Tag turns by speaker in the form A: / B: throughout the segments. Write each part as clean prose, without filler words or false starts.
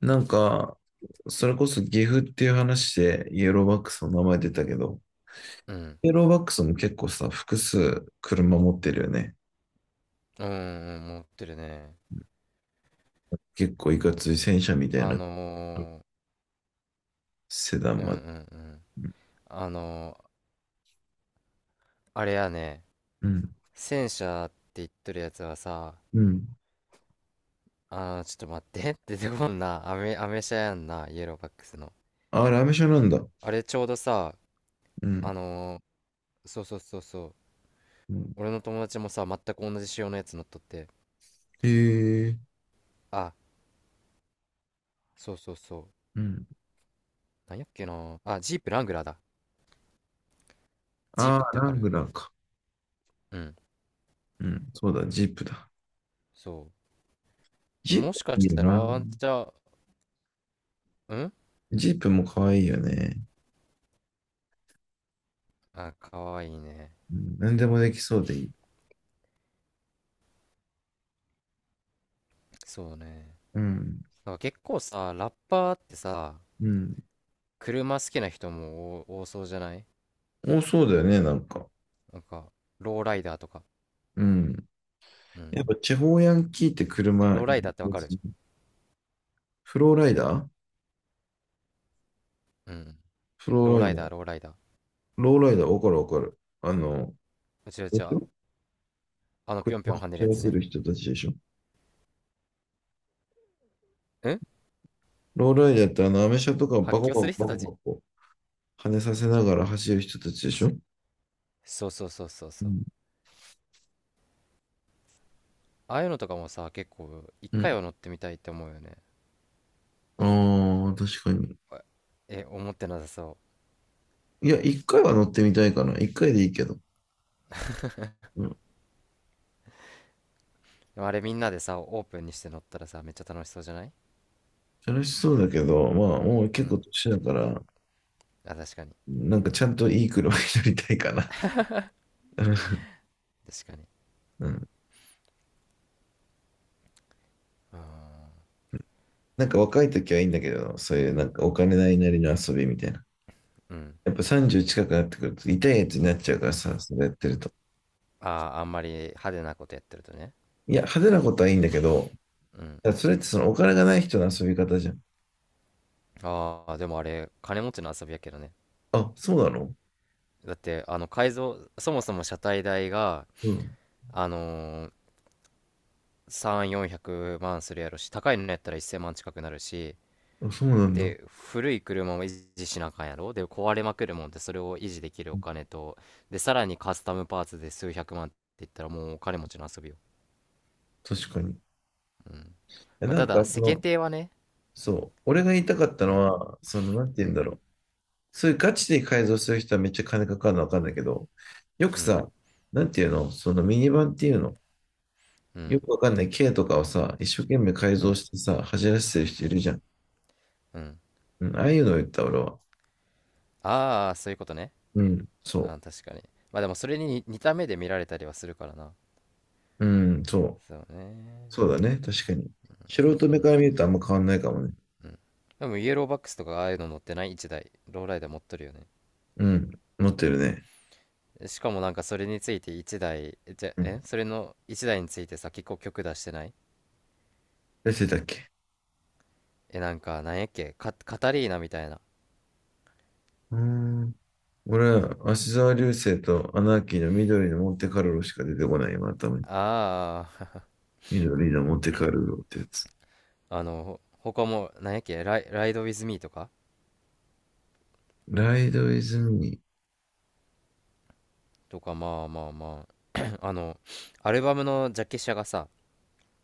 A: なんか、それこそ岐阜っていう話でイエローバックスの名前出たけど、
B: うん。
A: イエローバックスも結構さ、複数車持ってるよね。
B: うんうんうん持ってるね。
A: 結構いかつい戦車みたい
B: あ
A: な
B: の
A: セダン
B: うんう
A: ま
B: ん
A: で。
B: うん。
A: うん。
B: あのー、あれやね、
A: うん。
B: 戦車って言っとるやつはさ、ちょっと待って 出てこんな、アメ車やんな、イエローバックスの。
A: あ、ラメ車なんだ。
B: あれちょうどさ、
A: うん。
B: あのそうそうそうそう、
A: うん。
B: 俺の友達もさ、全く同じ仕様のやつ乗っとって、
A: へえ。
B: あ、そうそうそう、
A: うん。
B: なんやっけな、あ、ジープラングラーだ。ジー
A: あ
B: プって
A: あ、
B: わ
A: ラ
B: か
A: ング
B: る？
A: ラーか。
B: うん、
A: うん。そうだ、ジープだ。
B: そう。
A: ジー
B: も
A: プ
B: しかし
A: いいよ
B: たら、
A: な。
B: あんちゃ、うん。
A: ジープも可愛いよね。
B: あ、かわいいね。
A: うん。何でもできそうでいい。
B: そうね。
A: うん。
B: なんか結構さ、ラッパーってさ、
A: うん。
B: 車好きな人も多多そうじゃない？
A: お、そうだよね、なんか。
B: なんか、ローライダーとか。
A: うん。
B: うん。
A: やっぱ地方ヤンキーって
B: え、
A: 車、
B: ローライダーってわかる？
A: フローライダー
B: うん。
A: フ
B: ロ
A: ロー
B: ー
A: ライ
B: ライ
A: ダ
B: ダー、
A: ー。
B: ローライダー。
A: ローライダー、わかるわかる。あの、
B: うちう
A: で
B: ち
A: し
B: は、
A: ょ？
B: ぴ
A: 車
B: ょんぴょん
A: を
B: 跳ねる
A: 走
B: や
A: ら
B: つ
A: せ
B: ね。
A: る人たちでしょ？
B: うん。
A: ローライダーってあの、アメ車とかバ
B: 発
A: コ
B: 狂
A: バ
B: する
A: コバ
B: 人た
A: コ
B: ち。
A: バコ跳ねさせながら走る人たちでしょ？
B: そうそうそうそう
A: う
B: そう。
A: ん。
B: ああいうのとかもさ、結構、一
A: う
B: 回
A: ん。
B: は乗ってみたいって思うよね。
A: ああ、確かに。
B: え、思ってなさそ
A: いや、一回は乗ってみたいかな。一回でいいけど。うん。
B: う。でもあれみんなでさ、オープンにして乗ったらさ、めっちゃ楽しそうじゃない？
A: 楽しそうだけど、まあ、もう
B: う
A: 結構
B: ん。
A: 年だから、
B: あ、確かに。
A: なんかちゃんといい車に乗りたいかな。
B: 確かに。
A: うん。
B: あ
A: なんか若い時はいいんだけど、そういうなんかお金ないなりの遊びみたいな。
B: ー、うん。
A: やっぱ30近くなってくると痛いやつになっちゃうからさ、それやってると。
B: ああ、あんまり派手なことやってるとね。
A: いや、派手なことはいいんだけど、
B: うん。
A: だからそれってそのお金がない人の遊び方じゃん。
B: ああ、でもあれ、金持ちの遊びやけどね。
A: あ、そうなの？
B: だって、改造、そもそも車体代が、
A: うん。
B: あのー、3、400万するやろし、高いのやったら1000万近くなるし、
A: あ、そうなんだ。
B: で、古い車も維持しなあかんやろ。で、壊れまくるもんで、それを維持できるお金と、で、さらにカスタムパーツで数百万って言ったら、もうお金持ちの遊びよ。
A: 確かに。
B: うん。
A: え、
B: まあ、
A: なん
B: た
A: か
B: だ、
A: そ
B: 世間
A: の、
B: 体はね、
A: そう、俺が言いたかった
B: う
A: の
B: ん、
A: は、その、なんて
B: う
A: 言うん
B: ん、
A: だろう。そういうガチで改造する人はめっちゃ金かかるのわかんないけど、よく
B: うん、
A: さ、なんていうの、そのミニバンっていうの、
B: う
A: よ
B: ん、
A: くわかんない K とかをさ、一生懸命改
B: う
A: 造
B: ん、
A: してさ、走らせてる人いるじゃん。
B: うん。
A: うん、ああいうのを言った、俺は。
B: ああ、そういうことね。
A: うん、そ
B: 確かに。まあでもそれに似た目で見られたりはするからな。
A: う。うん、そう。
B: そう
A: そう
B: ね。
A: だね、確かに。素人目から見るとあんま変わんないかもね。
B: でもイエローバックスとかああいうの乗ってない、1台ローライダー持っとるよね。
A: うん、持ってるね。
B: しかもなんかそれについて1台じゃ
A: うん。
B: えそれの1台についてさ、結構曲出してない？
A: 出てたっけ？
B: なんか、なんやっけ、カタリーナみたいな。
A: うーん。俺は、芦沢流星とアナーキーの緑のモンテカルロしか出てこない、今頭に。
B: ああ。
A: 緑のモンテカルロってやつ。
B: あのほ他もなんやっけ、ライド・ウィズ・ミーとか。
A: ライドイズミー。
B: とか、まあまあまあ。 あのアルバムのジャケ写がさ、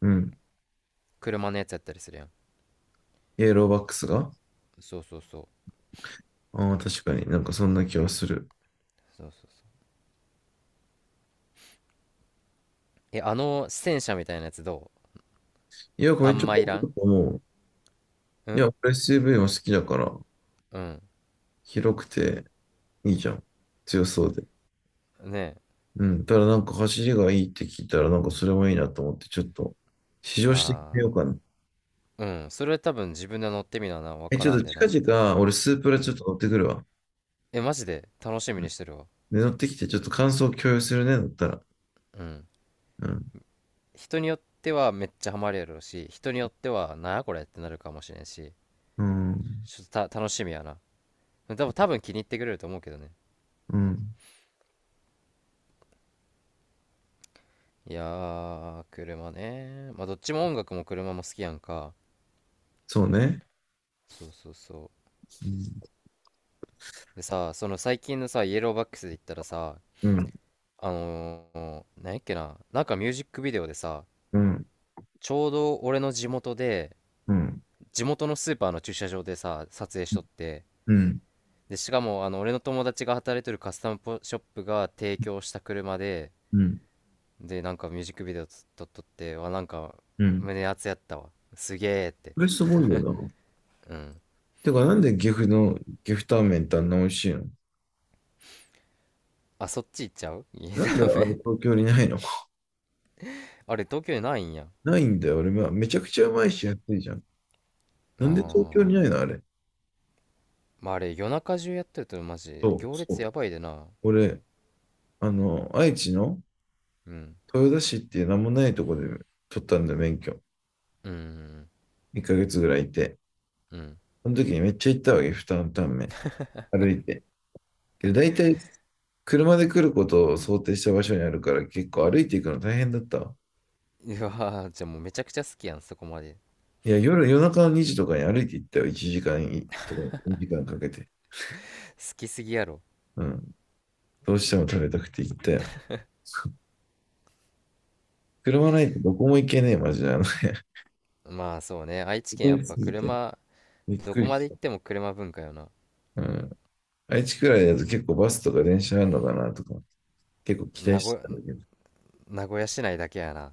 A: うん。
B: 車のやつやったりするやん。
A: イエローバックスが。
B: そうそうそう
A: ああー、確かになんかそんな気はする。
B: そうそうそう。え、あの戦車みたいなやつどう？
A: いや、こ
B: あ
A: れち
B: ん
A: ょ
B: まいらん。
A: っと思う。
B: う
A: い
B: ん
A: や、俺 SUV も好きだから、
B: うん。
A: 広くていいじゃん。強そうで。
B: ね
A: うん。ただなんか走りがいいって聞いたら、なんかそれもいいなと思って、ちょっと試
B: え。
A: 乗
B: あ
A: してみ
B: あ。
A: ようかな。
B: うん。それ多分自分で乗ってみなな。わ
A: え、
B: か
A: ちょ
B: ら
A: っ
B: ん
A: と
B: で
A: 近
B: な。
A: 々、俺スープラ
B: う
A: ちょっ
B: ん。
A: と乗ってくるわ。
B: え、マジで楽しみにしてるわ。
A: で、乗ってきて、ちょっと感想共有するね、乗ったら。
B: うん。
A: うん。
B: 人によってはめっちゃハマるやろうし、人によっては、なあこれってなるかもしれんし、
A: うん。
B: ちょっと楽しみやな。多分気に入ってくれると思うけどね。
A: うん。
B: いやー、車ね。まあ、どっちも音楽も車も好きやんか。
A: そうね。
B: そうそうそう。でさ、その最近のさ、イエローバックスで言ったらさ、
A: うん。
B: あのなんやっけな、なんかミュージックビデオでさ、
A: うん。
B: ちょうど俺の地元で、
A: うん。
B: 地元のスーパーの駐車場でさ、撮影しとって、
A: うん。
B: で、しかも、俺の友達が働いてるカスタムポショップが提供した車で、
A: うん。
B: で、なんかミュージックビデオ撮っとって、わ、なんか、
A: うん。
B: 胸熱やったわ。すげえって。
A: これすごいよな。
B: うん。
A: てか、なんで岐阜の岐阜タンメンってあんな美味しいの？
B: あ、そっち行っちゃう。いや、
A: なんであ
B: ダ
A: れ
B: メ。
A: 東京にないの？
B: あれ、東京にないんや。
A: ないんだよ。俺、はめちゃくちゃうまいし安いじゃん。
B: あ
A: なんで東京
B: ー。
A: にないの、あれ。
B: まあ、あれ、夜中中やってると、マジ、
A: そう、
B: 行
A: そ
B: 列
A: う。
B: やばいでな。
A: 俺、あの、愛知の
B: うん。
A: 豊田市っていう名もないとこで取ったんだよ、免許。
B: うん。
A: 1ヶ月ぐらいいて。
B: うん。うん。
A: その時にめっちゃ行ったわけ、負担タンメン。歩いて。けど大体、車で来ることを想定した場所にあるから、結構歩いていくの大変だったわ。
B: うわー、じゃあもうめちゃくちゃ好きやん、そこまで。
A: いや、夜中の2時とかに歩いて行ったよ。1時間とか2時間かけて。
B: 好きすぎやろ。
A: うん。どうしても食べたくて行ったよ。車ないとどこも行けねえ、マジで。あの
B: まあそうね、愛知
A: 通
B: 県や
A: り
B: っ
A: 過
B: ぱ
A: ぎて、
B: 車、
A: びっ
B: ど
A: く
B: こ
A: り
B: まで
A: し
B: 行
A: た。
B: っても車文化よな。
A: うん。愛知くらいだと結構バスとか電車あるのかなとか、結構期待
B: 名古
A: してたん
B: 屋、
A: だけど。
B: 名古屋市内だけやな。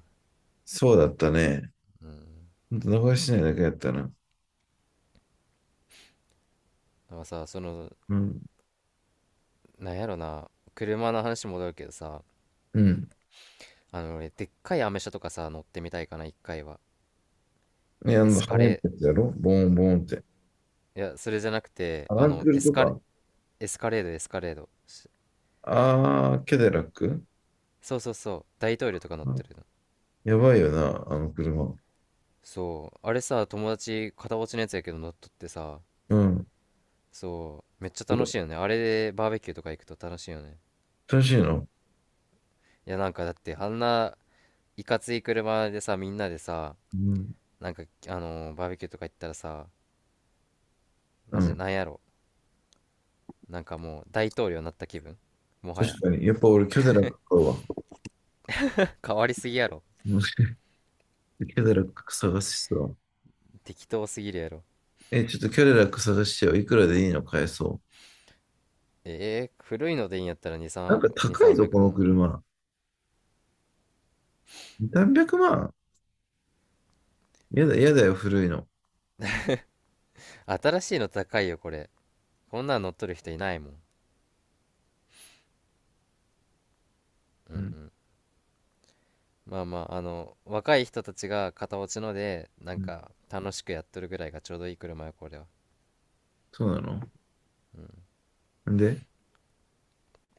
A: そうだったね。
B: うん。
A: ほんと、名古屋市内だけやったな。
B: でもさ、その、
A: うん。
B: なんやろな、車の話戻るけどさ、
A: うん。
B: 俺、でっかいアメ車とかさ、乗ってみたいかな、一回は。
A: ね、あ
B: エ
A: の、
B: ス
A: 跳
B: カ
A: ねて
B: レ
A: やつやろボーンボーンって。
B: ー、いや、それじゃなくて、
A: アランクルとか。
B: エスカレード、エスカレード。
A: あー、キャデラック。
B: そうそうそう、大統領とか乗っ
A: あ、
B: てるの。
A: やばいよな、あの車。
B: そう、あれさ、友達、片落ちのやつやけど乗っとってさ、
A: うん。
B: そう、めっちゃ
A: て
B: 楽
A: か
B: しいよね。あれでバーベキューとか行くと楽しいよね。
A: 楽しいの？
B: いや、なんかだってあんないかつい車でさ、みんなでさ、
A: うん。
B: なんかバーベキューとか行ったらさ、
A: う
B: マジで
A: ん。
B: なんやろ、なんかもう大統領になった気分、もは
A: 確
B: や。
A: かに。やっぱ俺、キャデラック買うわ。
B: 変わりすぎやろ。
A: うん。キャデラック探しそう。
B: 適当すぎるやろ。
A: え、ちょっとキャデラック探してよ。いくらでいいの買えそう？
B: 古いのでいいんやったら2
A: なんか
B: 3 2
A: 高い
B: 3
A: ぞ、
B: 0
A: こ
B: 0
A: の
B: 万
A: 車。300万？やだ、やだよ、古いの。
B: 新しいの高いよ、これ。こんなん乗っとる人いないもん。うん
A: う
B: う
A: ん。
B: ん。まあまあ、あの若い人たちが片落ちのでな
A: う
B: ん
A: ん。
B: か楽しくやっとるぐらいがちょうどいい車よ、これは。
A: そうなの？んで、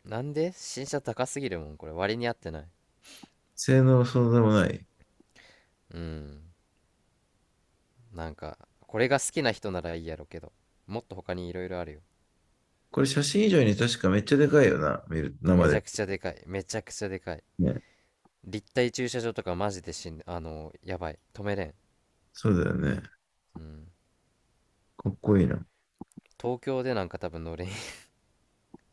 B: なんで新車高すぎるもん、これ。割に合ってない。
A: 性能そうでもない。
B: うん。なんかこれが好きな人ならいいやろけど、もっと他にいろいろあるよ。
A: これ写真以上に確かめっちゃでかいよな、見る、生
B: めちゃ
A: で。
B: くちゃでかい、めちゃくちゃでかい。
A: ね。
B: 立体駐車場とかマジで、しんあのやばい、止めれん。
A: そうだよね。
B: うん。
A: かっこいいな。
B: 東京でなんか多分乗れん。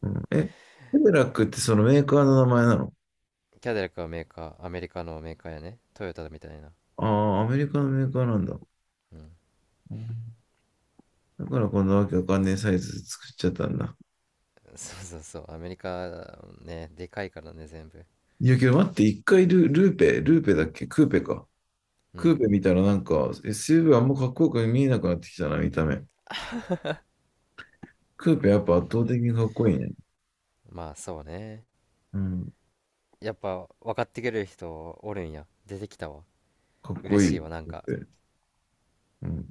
A: うん、え、セブラックってそのメーカーの名前なの？
B: キャデラックはメーカー、アメリカのメーカーやね、トヨタみたいな。
A: ああー、アメリカのメーカーなんだ。
B: うん。
A: うん。だからこんなわけわかんねえサイズ作っちゃったんだ。
B: そうそうそう、アメリカね、でかいからね全部。
A: いやけど待って、一回ルーペだっけクーペか。
B: う
A: クー
B: ん。
A: ペ見たらなんか SUV あんまかっこよく見えなくなってきたな、見た目。クーペやっぱ圧倒的にかっこいいね。
B: まあそうね。
A: うん。
B: やっぱ分かってくれる人おるんや、出てきたわ。
A: かっこ
B: 嬉
A: い
B: し
A: い。
B: い
A: っ
B: わ、なんか。
A: て。うん。